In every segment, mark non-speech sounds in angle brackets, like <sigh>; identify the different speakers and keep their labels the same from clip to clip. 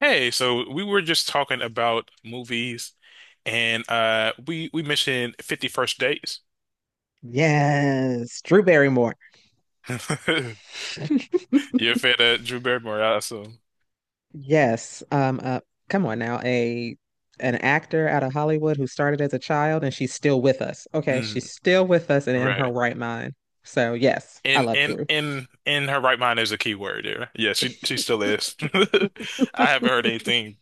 Speaker 1: Hey, so we were just talking about movies, and we mentioned 50 First Dates.
Speaker 2: Yes, Drew Barrymore.
Speaker 1: <laughs>
Speaker 2: <laughs>
Speaker 1: You're a fan of Drew Barrymore, I assume.
Speaker 2: Yes. Come on now, a an actor out of Hollywood who started as a child and she's still with us. Okay,
Speaker 1: Mm,
Speaker 2: she's still with us and in her
Speaker 1: right.
Speaker 2: right mind. So yes, I
Speaker 1: And
Speaker 2: love
Speaker 1: and
Speaker 2: Drew.
Speaker 1: in her right mind is a key word there. Yeah, she still is. <laughs> I haven't heard
Speaker 2: <laughs>
Speaker 1: anything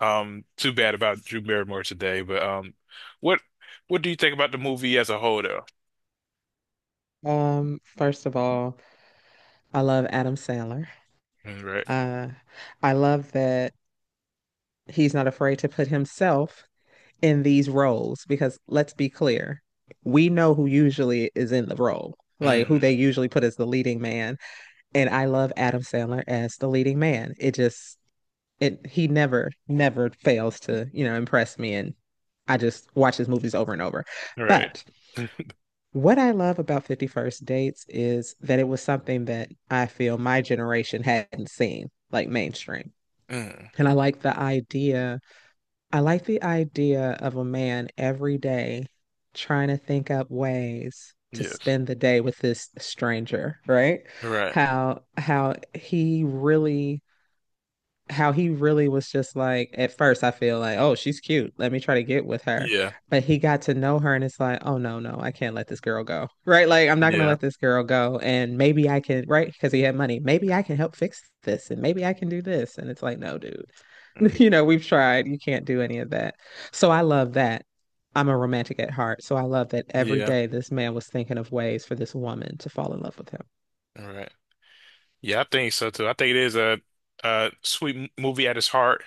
Speaker 1: too bad about Drew Barrymore today, but what what do you think about the movie as a whole, though?
Speaker 2: First of all, I love Adam Sandler.
Speaker 1: Mm, right.
Speaker 2: Uh, I love that he's not afraid to put himself in these roles because let's be clear, we know who usually is in the role, like who
Speaker 1: Mm,
Speaker 2: they usually put as the leading man. And I love Adam Sandler as the leading man. It he never fails to impress me, and I just watch his movies over and over.
Speaker 1: right.
Speaker 2: But
Speaker 1: <laughs>
Speaker 2: what I love about 51st Dates is that it was something that I feel my generation hadn't seen, like mainstream.
Speaker 1: Mm,
Speaker 2: And I like the idea of a man every day trying to think up ways to
Speaker 1: yes.
Speaker 2: spend the day with this stranger, right?
Speaker 1: Right.
Speaker 2: How he really was just like at first I feel like, oh, she's cute. Let me try to get with her.
Speaker 1: Yeah.
Speaker 2: But he got to know her and it's like, oh no, no, I can't let this girl go. Right? Like I'm not gonna
Speaker 1: Yeah.
Speaker 2: let this girl go. And maybe I can, right? Because he had money. Maybe I can help fix this and maybe I can do this. And it's like, no, dude.
Speaker 1: Mm,
Speaker 2: <laughs> You know, we've tried. You can't do any of that. So I love that. I'm a romantic at heart. So I love that every
Speaker 1: yeah.
Speaker 2: day this man was thinking of ways for this woman to fall in love with
Speaker 1: All right. Yeah, I think so too. I think it is a sweet movie at its heart,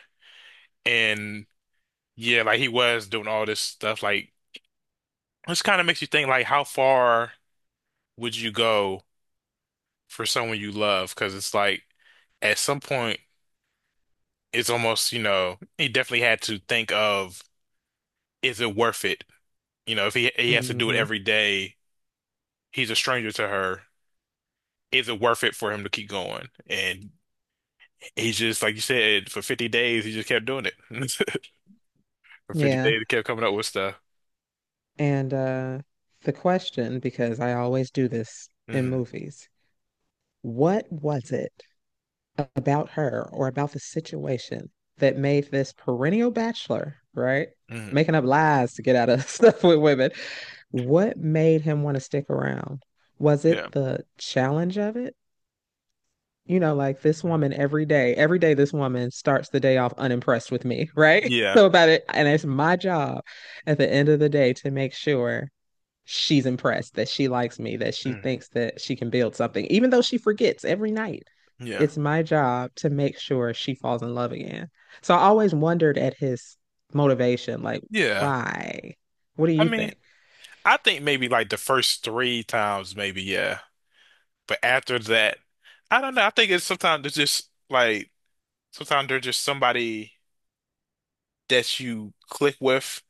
Speaker 1: and yeah, like he was doing all this stuff. Like, this kind of makes you think, like, how far would you go for someone you love? Because it's like at some point, it's almost he definitely had to think of, is it worth it? If he has to
Speaker 2: him.
Speaker 1: do it every day, he's a stranger to her. Is it worth it for him to keep going? And he's just, like you said, for 50 days, he just kept doing it. <laughs> Video,
Speaker 2: Yeah.
Speaker 1: they kept coming up with stuff.
Speaker 2: And The question, because I always do this in
Speaker 1: Hmm.
Speaker 2: movies, what was it about her or about the situation that made this perennial bachelor, right?
Speaker 1: Hmm.
Speaker 2: Making up lies to get out of <laughs> stuff with women. What made him want to stick around? Was
Speaker 1: Yeah.
Speaker 2: it the challenge of it? You know, like this
Speaker 1: Mhm.
Speaker 2: woman every day this woman starts the day off unimpressed with me, right? <laughs>
Speaker 1: Yeah.
Speaker 2: So about it, and it's my job at the end of the day to make sure she's impressed that she likes me, that she
Speaker 1: Mhm.
Speaker 2: thinks that she can build something, even though she forgets every night.
Speaker 1: Yeah.
Speaker 2: It's my job to make sure she falls in love again. So I always wondered at his motivation, like,
Speaker 1: Yeah.
Speaker 2: why? What do
Speaker 1: I
Speaker 2: you
Speaker 1: mean,
Speaker 2: think?
Speaker 1: I think maybe like the first three times, maybe, yeah. But after that, I don't know. I think it's sometimes there's just somebody that you click with,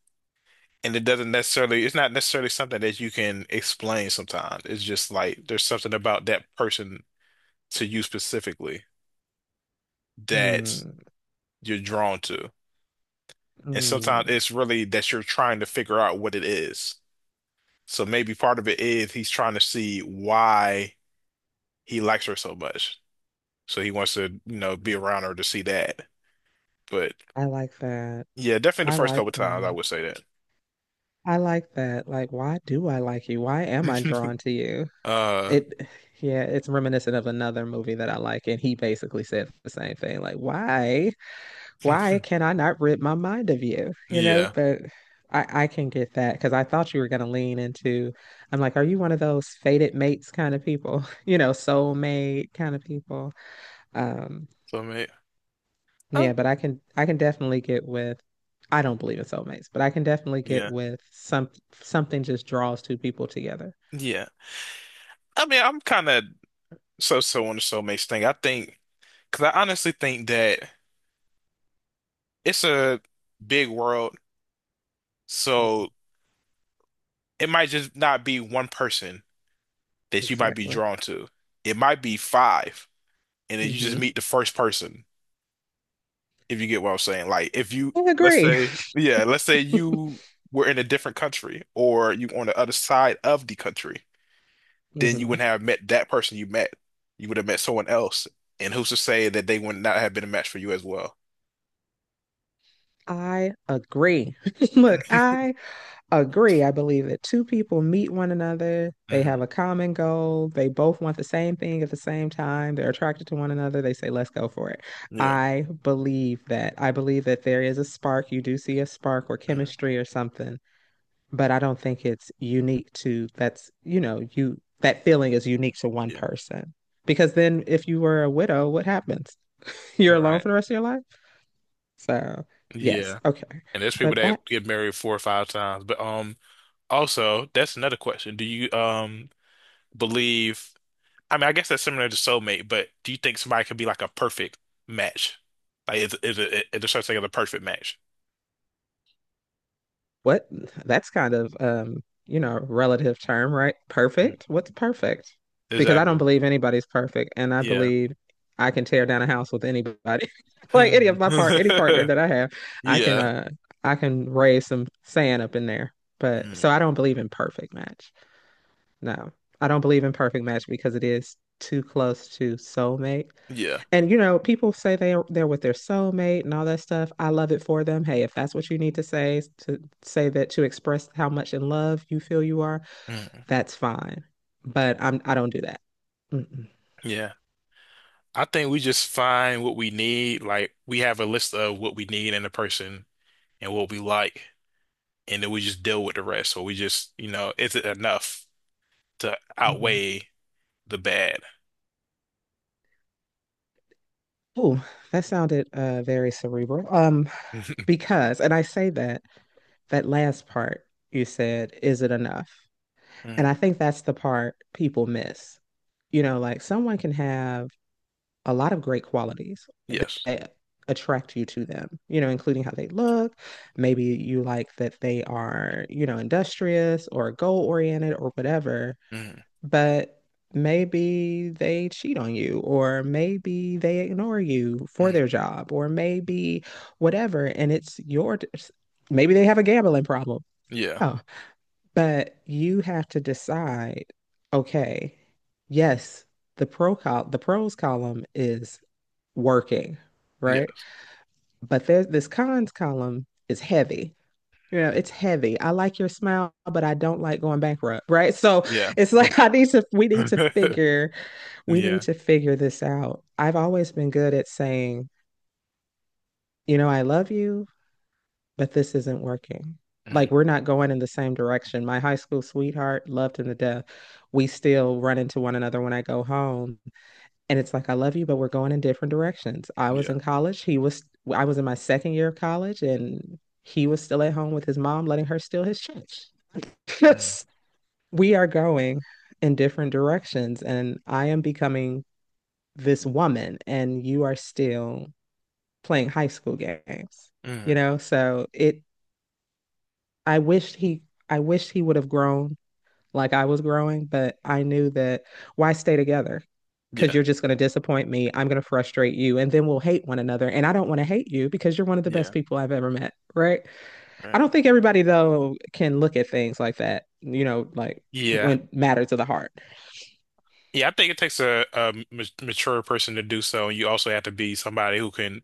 Speaker 1: and it doesn't necessarily it's not necessarily something that you can explain sometimes. It's just like there's something about that person to you specifically that
Speaker 2: Hmm,
Speaker 1: you're drawn to. And
Speaker 2: hmm,
Speaker 1: sometimes it's really that you're trying to figure out what it is. So maybe part of it is he's trying to see why he likes her so much. So he wants to, be around her to see that. But
Speaker 2: I like that.
Speaker 1: yeah, definitely the
Speaker 2: I
Speaker 1: first couple
Speaker 2: like
Speaker 1: times I
Speaker 2: that.
Speaker 1: would say
Speaker 2: I like that. Like, why do I like you? Why am I
Speaker 1: that.
Speaker 2: drawn to you?
Speaker 1: <laughs> Uh,
Speaker 2: It, yeah, it's reminiscent of another movie that I like, and he basically said the same thing. Like, why
Speaker 1: <laughs>
Speaker 2: can I not rid my mind of you? You know,
Speaker 1: yeah.
Speaker 2: but I can get that because I thought you were going to lean into, I'm like, are you one of those fated mates kind of people? <laughs> You know, soulmate kind of people. Um,
Speaker 1: So mate. Oh,
Speaker 2: yeah, but I can definitely get with I don't believe in soulmates, but I can definitely get
Speaker 1: yeah,
Speaker 2: with something just draws two people together.
Speaker 1: yeah. I mean, I'm kind of so-so on the soulmates thing. I think, because I honestly think that it's a big world,
Speaker 2: Mhm.
Speaker 1: so it might just not be one person that you might be
Speaker 2: Exactly.
Speaker 1: drawn to. It might be five, and then you just
Speaker 2: hmm
Speaker 1: meet the first person, if you get what I'm saying. Like if you
Speaker 2: I
Speaker 1: let's
Speaker 2: agree.
Speaker 1: say, yeah, let's say
Speaker 2: <laughs>
Speaker 1: you were in a different country or you on the other side of the country, then you
Speaker 2: hmm
Speaker 1: wouldn't have met that person you met. You would have met someone else. And who's to say that they would not have been a match for you as well?
Speaker 2: I agree. <laughs> Look, I agree. I believe that two people meet one another, they
Speaker 1: Hmm.
Speaker 2: have a common goal, they both want the same thing at the same time, they're attracted to one another, they say, let's go for it.
Speaker 1: Yeah.
Speaker 2: I believe that. I believe that there is a spark. You do see a spark or
Speaker 1: Hmm.
Speaker 2: chemistry or something, but I don't think it's unique to that's, you know, you that feeling is unique to one
Speaker 1: Yeah.
Speaker 2: person. Because then if you were a widow, what happens? <laughs> You're alone
Speaker 1: Right.
Speaker 2: for the rest of your life? So, yes,
Speaker 1: Yeah.
Speaker 2: okay.
Speaker 1: And there's people
Speaker 2: But
Speaker 1: that
Speaker 2: back.
Speaker 1: get married four or five times. But also that's another question. Do you believe I mean, I guess that's similar to soulmate, but do you think somebody could be like a perfect match? Like, is there such thing as a perfect match?
Speaker 2: What? That's kind of you know, relative term, right?
Speaker 1: Mm,
Speaker 2: Perfect. What's perfect? Because I don't
Speaker 1: exactly.
Speaker 2: believe anybody's perfect, and I
Speaker 1: Yeah.
Speaker 2: believe I can tear down a house with anybody, <laughs> like any partner
Speaker 1: <laughs>
Speaker 2: that I have, I can
Speaker 1: Yeah.
Speaker 2: uh, I can raise some sand up in there. But
Speaker 1: Mm,
Speaker 2: so I don't believe in perfect match. No, I don't believe in perfect match because it is too close to soulmate.
Speaker 1: yeah.
Speaker 2: And you know, people say they are, they're with their soulmate and all that stuff. I love it for them. Hey, if that's what you need to say that to express how much in love you feel you are,
Speaker 1: Mm,
Speaker 2: that's fine. But I don't do that. Mm-mm.
Speaker 1: yeah. I think we just find what we need. Like, we have a list of what we need in a person and what we like, and then we just deal with the rest. Or we just, you know, is it enough to
Speaker 2: hmm
Speaker 1: outweigh the bad? <laughs>
Speaker 2: Oh, that sounded very cerebral. Because, and I say that that last part you said, is it enough? And I
Speaker 1: Mm,
Speaker 2: think that's the part people miss. You know, like someone can have a lot of great qualities
Speaker 1: yes.
Speaker 2: that attract you to them, you know, including how they look. Maybe you like that they are, you know, industrious or goal oriented or whatever,
Speaker 1: Mm,
Speaker 2: but maybe they cheat on you or maybe they ignore you for
Speaker 1: mm,
Speaker 2: their job or maybe whatever. And it's your, maybe they have a gambling problem.
Speaker 1: yeah.
Speaker 2: Oh, but you have to decide, okay, yes, the pros column is working, right?
Speaker 1: Yes.
Speaker 2: But there's this cons column is heavy. You know, it's heavy. I like your smile, but I don't like going bankrupt, right? So
Speaker 1: Yeah.
Speaker 2: it's like <laughs> I need to we need to
Speaker 1: <laughs> Yeah.
Speaker 2: figure this out. I've always been good at saying, you know, I love you, but this isn't working. Like
Speaker 1: Mm,
Speaker 2: we're not going in the same direction. My high school sweetheart loved him to death. We still run into one another when I go home, and it's like I love you, but we're going in different directions. I was
Speaker 1: yeah.
Speaker 2: in college. He was. I was in my second year of college, and he was still at home with his mom, letting her steal his church.
Speaker 1: Mm,
Speaker 2: Yes, <laughs> we are going in different directions, and I am becoming this woman, and you are still playing high school games. You
Speaker 1: mm,
Speaker 2: know, so it I wished he I wished he would have grown like I was growing, but I knew that why stay together? Because
Speaker 1: yeah.
Speaker 2: you're just going to disappoint me. I'm going to frustrate you, and then we'll hate one another. And I don't want to hate you because you're one of the best
Speaker 1: Yeah.
Speaker 2: people I've ever met, right?
Speaker 1: Right.
Speaker 2: I don't think everybody though can look at things like that. You know, like
Speaker 1: Yeah.
Speaker 2: when matter to the heart.
Speaker 1: Yeah. I think it takes a, a mature person to do so. And you also have to be somebody who can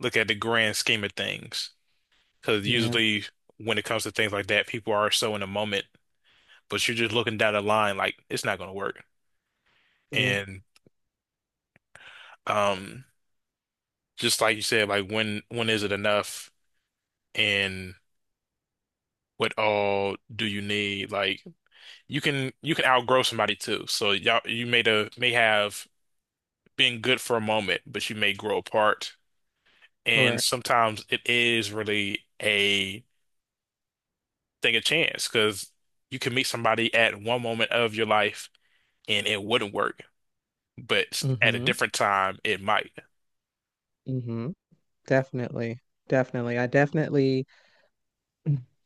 Speaker 1: look at the grand scheme of things. Because
Speaker 2: Yeah,
Speaker 1: usually when it comes to things like that, people are so in the moment, but you're just looking down the line like it's not going to work.
Speaker 2: yeah,
Speaker 1: And um, just like you said, like when is it enough? And what all do you need? Like you can outgrow somebody too. So y'all you may the may have been good for a moment, but you may grow apart. And
Speaker 2: correct.
Speaker 1: sometimes it is really a thing of chance because you can meet somebody at one moment of your life and it wouldn't work. But at a
Speaker 2: Mm-hmm.
Speaker 1: different time, it might.
Speaker 2: Mm-hmm. Definitely, definitely.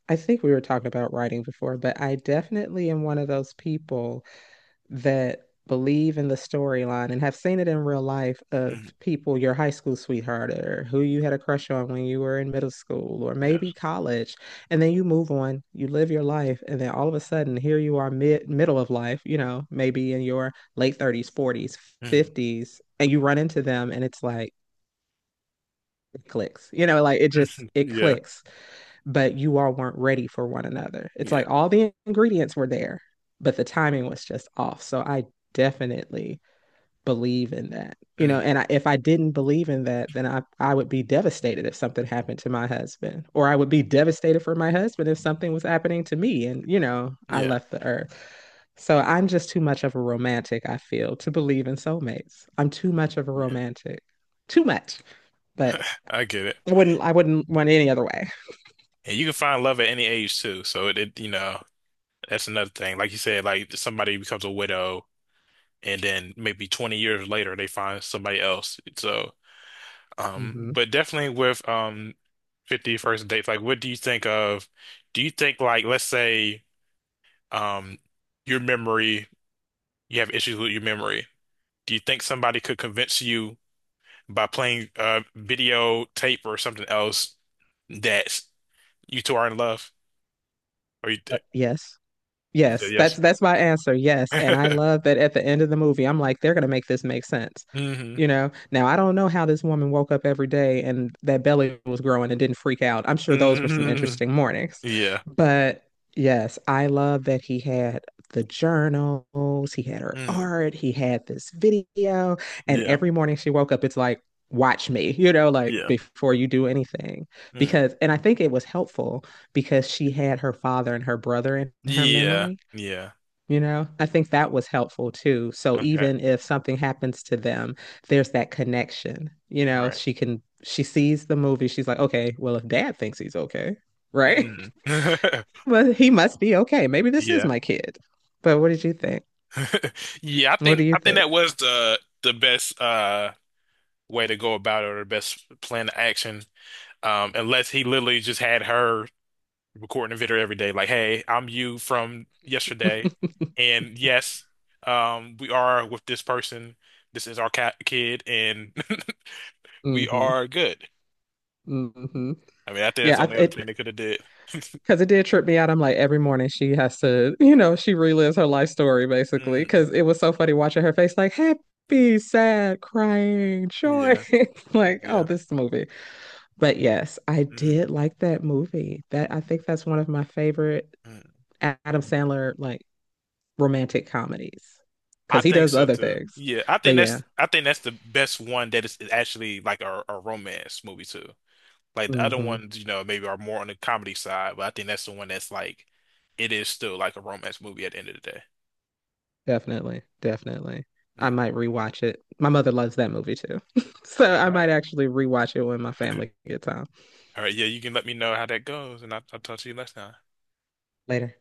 Speaker 2: I think we were talking about writing before, but I definitely am one of those people that believe in the storyline and have seen it in real life of
Speaker 1: Mhm.
Speaker 2: people, your high school sweetheart or who you had a crush on when you were in middle school or maybe
Speaker 1: Yes.
Speaker 2: college. And then you move on, you live your life, and then all of a sudden here you are middle of life, you know, maybe in your late 30s, 40s,
Speaker 1: Mhm.
Speaker 2: 50s, and you run into them and it's like, it clicks. You know, like it just it
Speaker 1: Yeah.
Speaker 2: clicks. But you all weren't ready for one another. It's
Speaker 1: Yeah.
Speaker 2: like all the ingredients were there, but the timing was just off. So I definitely believe in that. You know,
Speaker 1: Mm.
Speaker 2: and if I didn't believe in that, then I would be devastated if something happened to my husband, or I would be devastated for my husband if something was happening to me and, you know, I
Speaker 1: Yeah.
Speaker 2: left the earth. So I'm just too much of a romantic, I feel, to believe in soulmates. I'm too much of a
Speaker 1: Yeah.
Speaker 2: romantic. Too much. But
Speaker 1: I get it.
Speaker 2: I wouldn't run it any other way.
Speaker 1: And you can find love at any age too. So it, you know, that's another thing. Like you said, like somebody becomes a widow and then maybe 20 years later they find somebody else. So Um,
Speaker 2: hmm
Speaker 1: but definitely with 50 first dates, like what do you think of do you think like let's say um your memory you have issues with your memory. Do you think somebody could convince you by playing video tape or something else that you two are in love? Or
Speaker 2: Yes.
Speaker 1: you said
Speaker 2: Yes,
Speaker 1: yes.
Speaker 2: that's my answer. Yes, and I
Speaker 1: <laughs>
Speaker 2: love that at the end of the movie, I'm like, they're gonna make this make sense.
Speaker 1: Hmm.
Speaker 2: You know, now I don't know how this woman woke up every day and that belly was growing and didn't freak out. I'm sure those were some
Speaker 1: Hmm.
Speaker 2: interesting mornings.
Speaker 1: Yeah.
Speaker 2: But yes, I love that he had the journals, he had her
Speaker 1: Hmm.
Speaker 2: art, he had this video, and
Speaker 1: Yeah.
Speaker 2: every morning she woke up, it's like, watch me, you know, like
Speaker 1: Yeah.
Speaker 2: before you do anything.
Speaker 1: Mm.
Speaker 2: Because, and I think it was helpful because she had her father and her brother in her
Speaker 1: Yeah.
Speaker 2: memory.
Speaker 1: Yeah.
Speaker 2: You know, I think that was helpful too. So
Speaker 1: Okay.
Speaker 2: even if something happens to them, there's that connection. You know,
Speaker 1: Right.
Speaker 2: she sees the movie. She's like, okay, well, if dad thinks he's okay, right?
Speaker 1: Hmm. <laughs>
Speaker 2: <laughs> Well, he must be okay. Maybe this is
Speaker 1: Yeah.
Speaker 2: my kid. But what did you think?
Speaker 1: <laughs> Yeah,
Speaker 2: What do you
Speaker 1: I think
Speaker 2: think?
Speaker 1: that was the best way to go about it or the best plan of action. Unless he literally just had her recording a video every day, like, hey, I'm you from yesterday.
Speaker 2: <laughs>
Speaker 1: And yes, we are with this person. This is our cat kid, and <laughs> we
Speaker 2: Mm-hmm.
Speaker 1: are good.
Speaker 2: Mm-hmm.
Speaker 1: I mean, I think that's
Speaker 2: Yeah,
Speaker 1: the
Speaker 2: I,
Speaker 1: only other thing
Speaker 2: it
Speaker 1: they could have did.
Speaker 2: Because it did trip me out. I'm like, every morning she has to, you know, she relives her life story basically.
Speaker 1: Mm,
Speaker 2: Because it was so funny watching her face, like happy, sad, crying, joy.
Speaker 1: yeah,
Speaker 2: <laughs> Like, oh,
Speaker 1: yeah.
Speaker 2: this movie. But yes, I
Speaker 1: Mm,
Speaker 2: did like that movie. That I think that's one of my favorite
Speaker 1: mm.
Speaker 2: Adam Sandler like romantic comedies
Speaker 1: I
Speaker 2: because he
Speaker 1: think
Speaker 2: does
Speaker 1: so
Speaker 2: other
Speaker 1: too.
Speaker 2: things.
Speaker 1: Yeah,
Speaker 2: But yeah,
Speaker 1: I think that's the best one that is actually like a romance movie too. Like the other
Speaker 2: hmm
Speaker 1: ones, you know, maybe are more on the comedy side, but I think that's the one that's like it is still like a romance movie at the end of the day.
Speaker 2: definitely, definitely. I
Speaker 1: Mm.
Speaker 2: might rewatch it. My mother loves that movie too. <laughs> So
Speaker 1: All
Speaker 2: I might
Speaker 1: right.
Speaker 2: actually rewatch it when my family gets home.
Speaker 1: All right, yeah, you can let me know how that goes, and I'll talk to you next time.
Speaker 2: Later.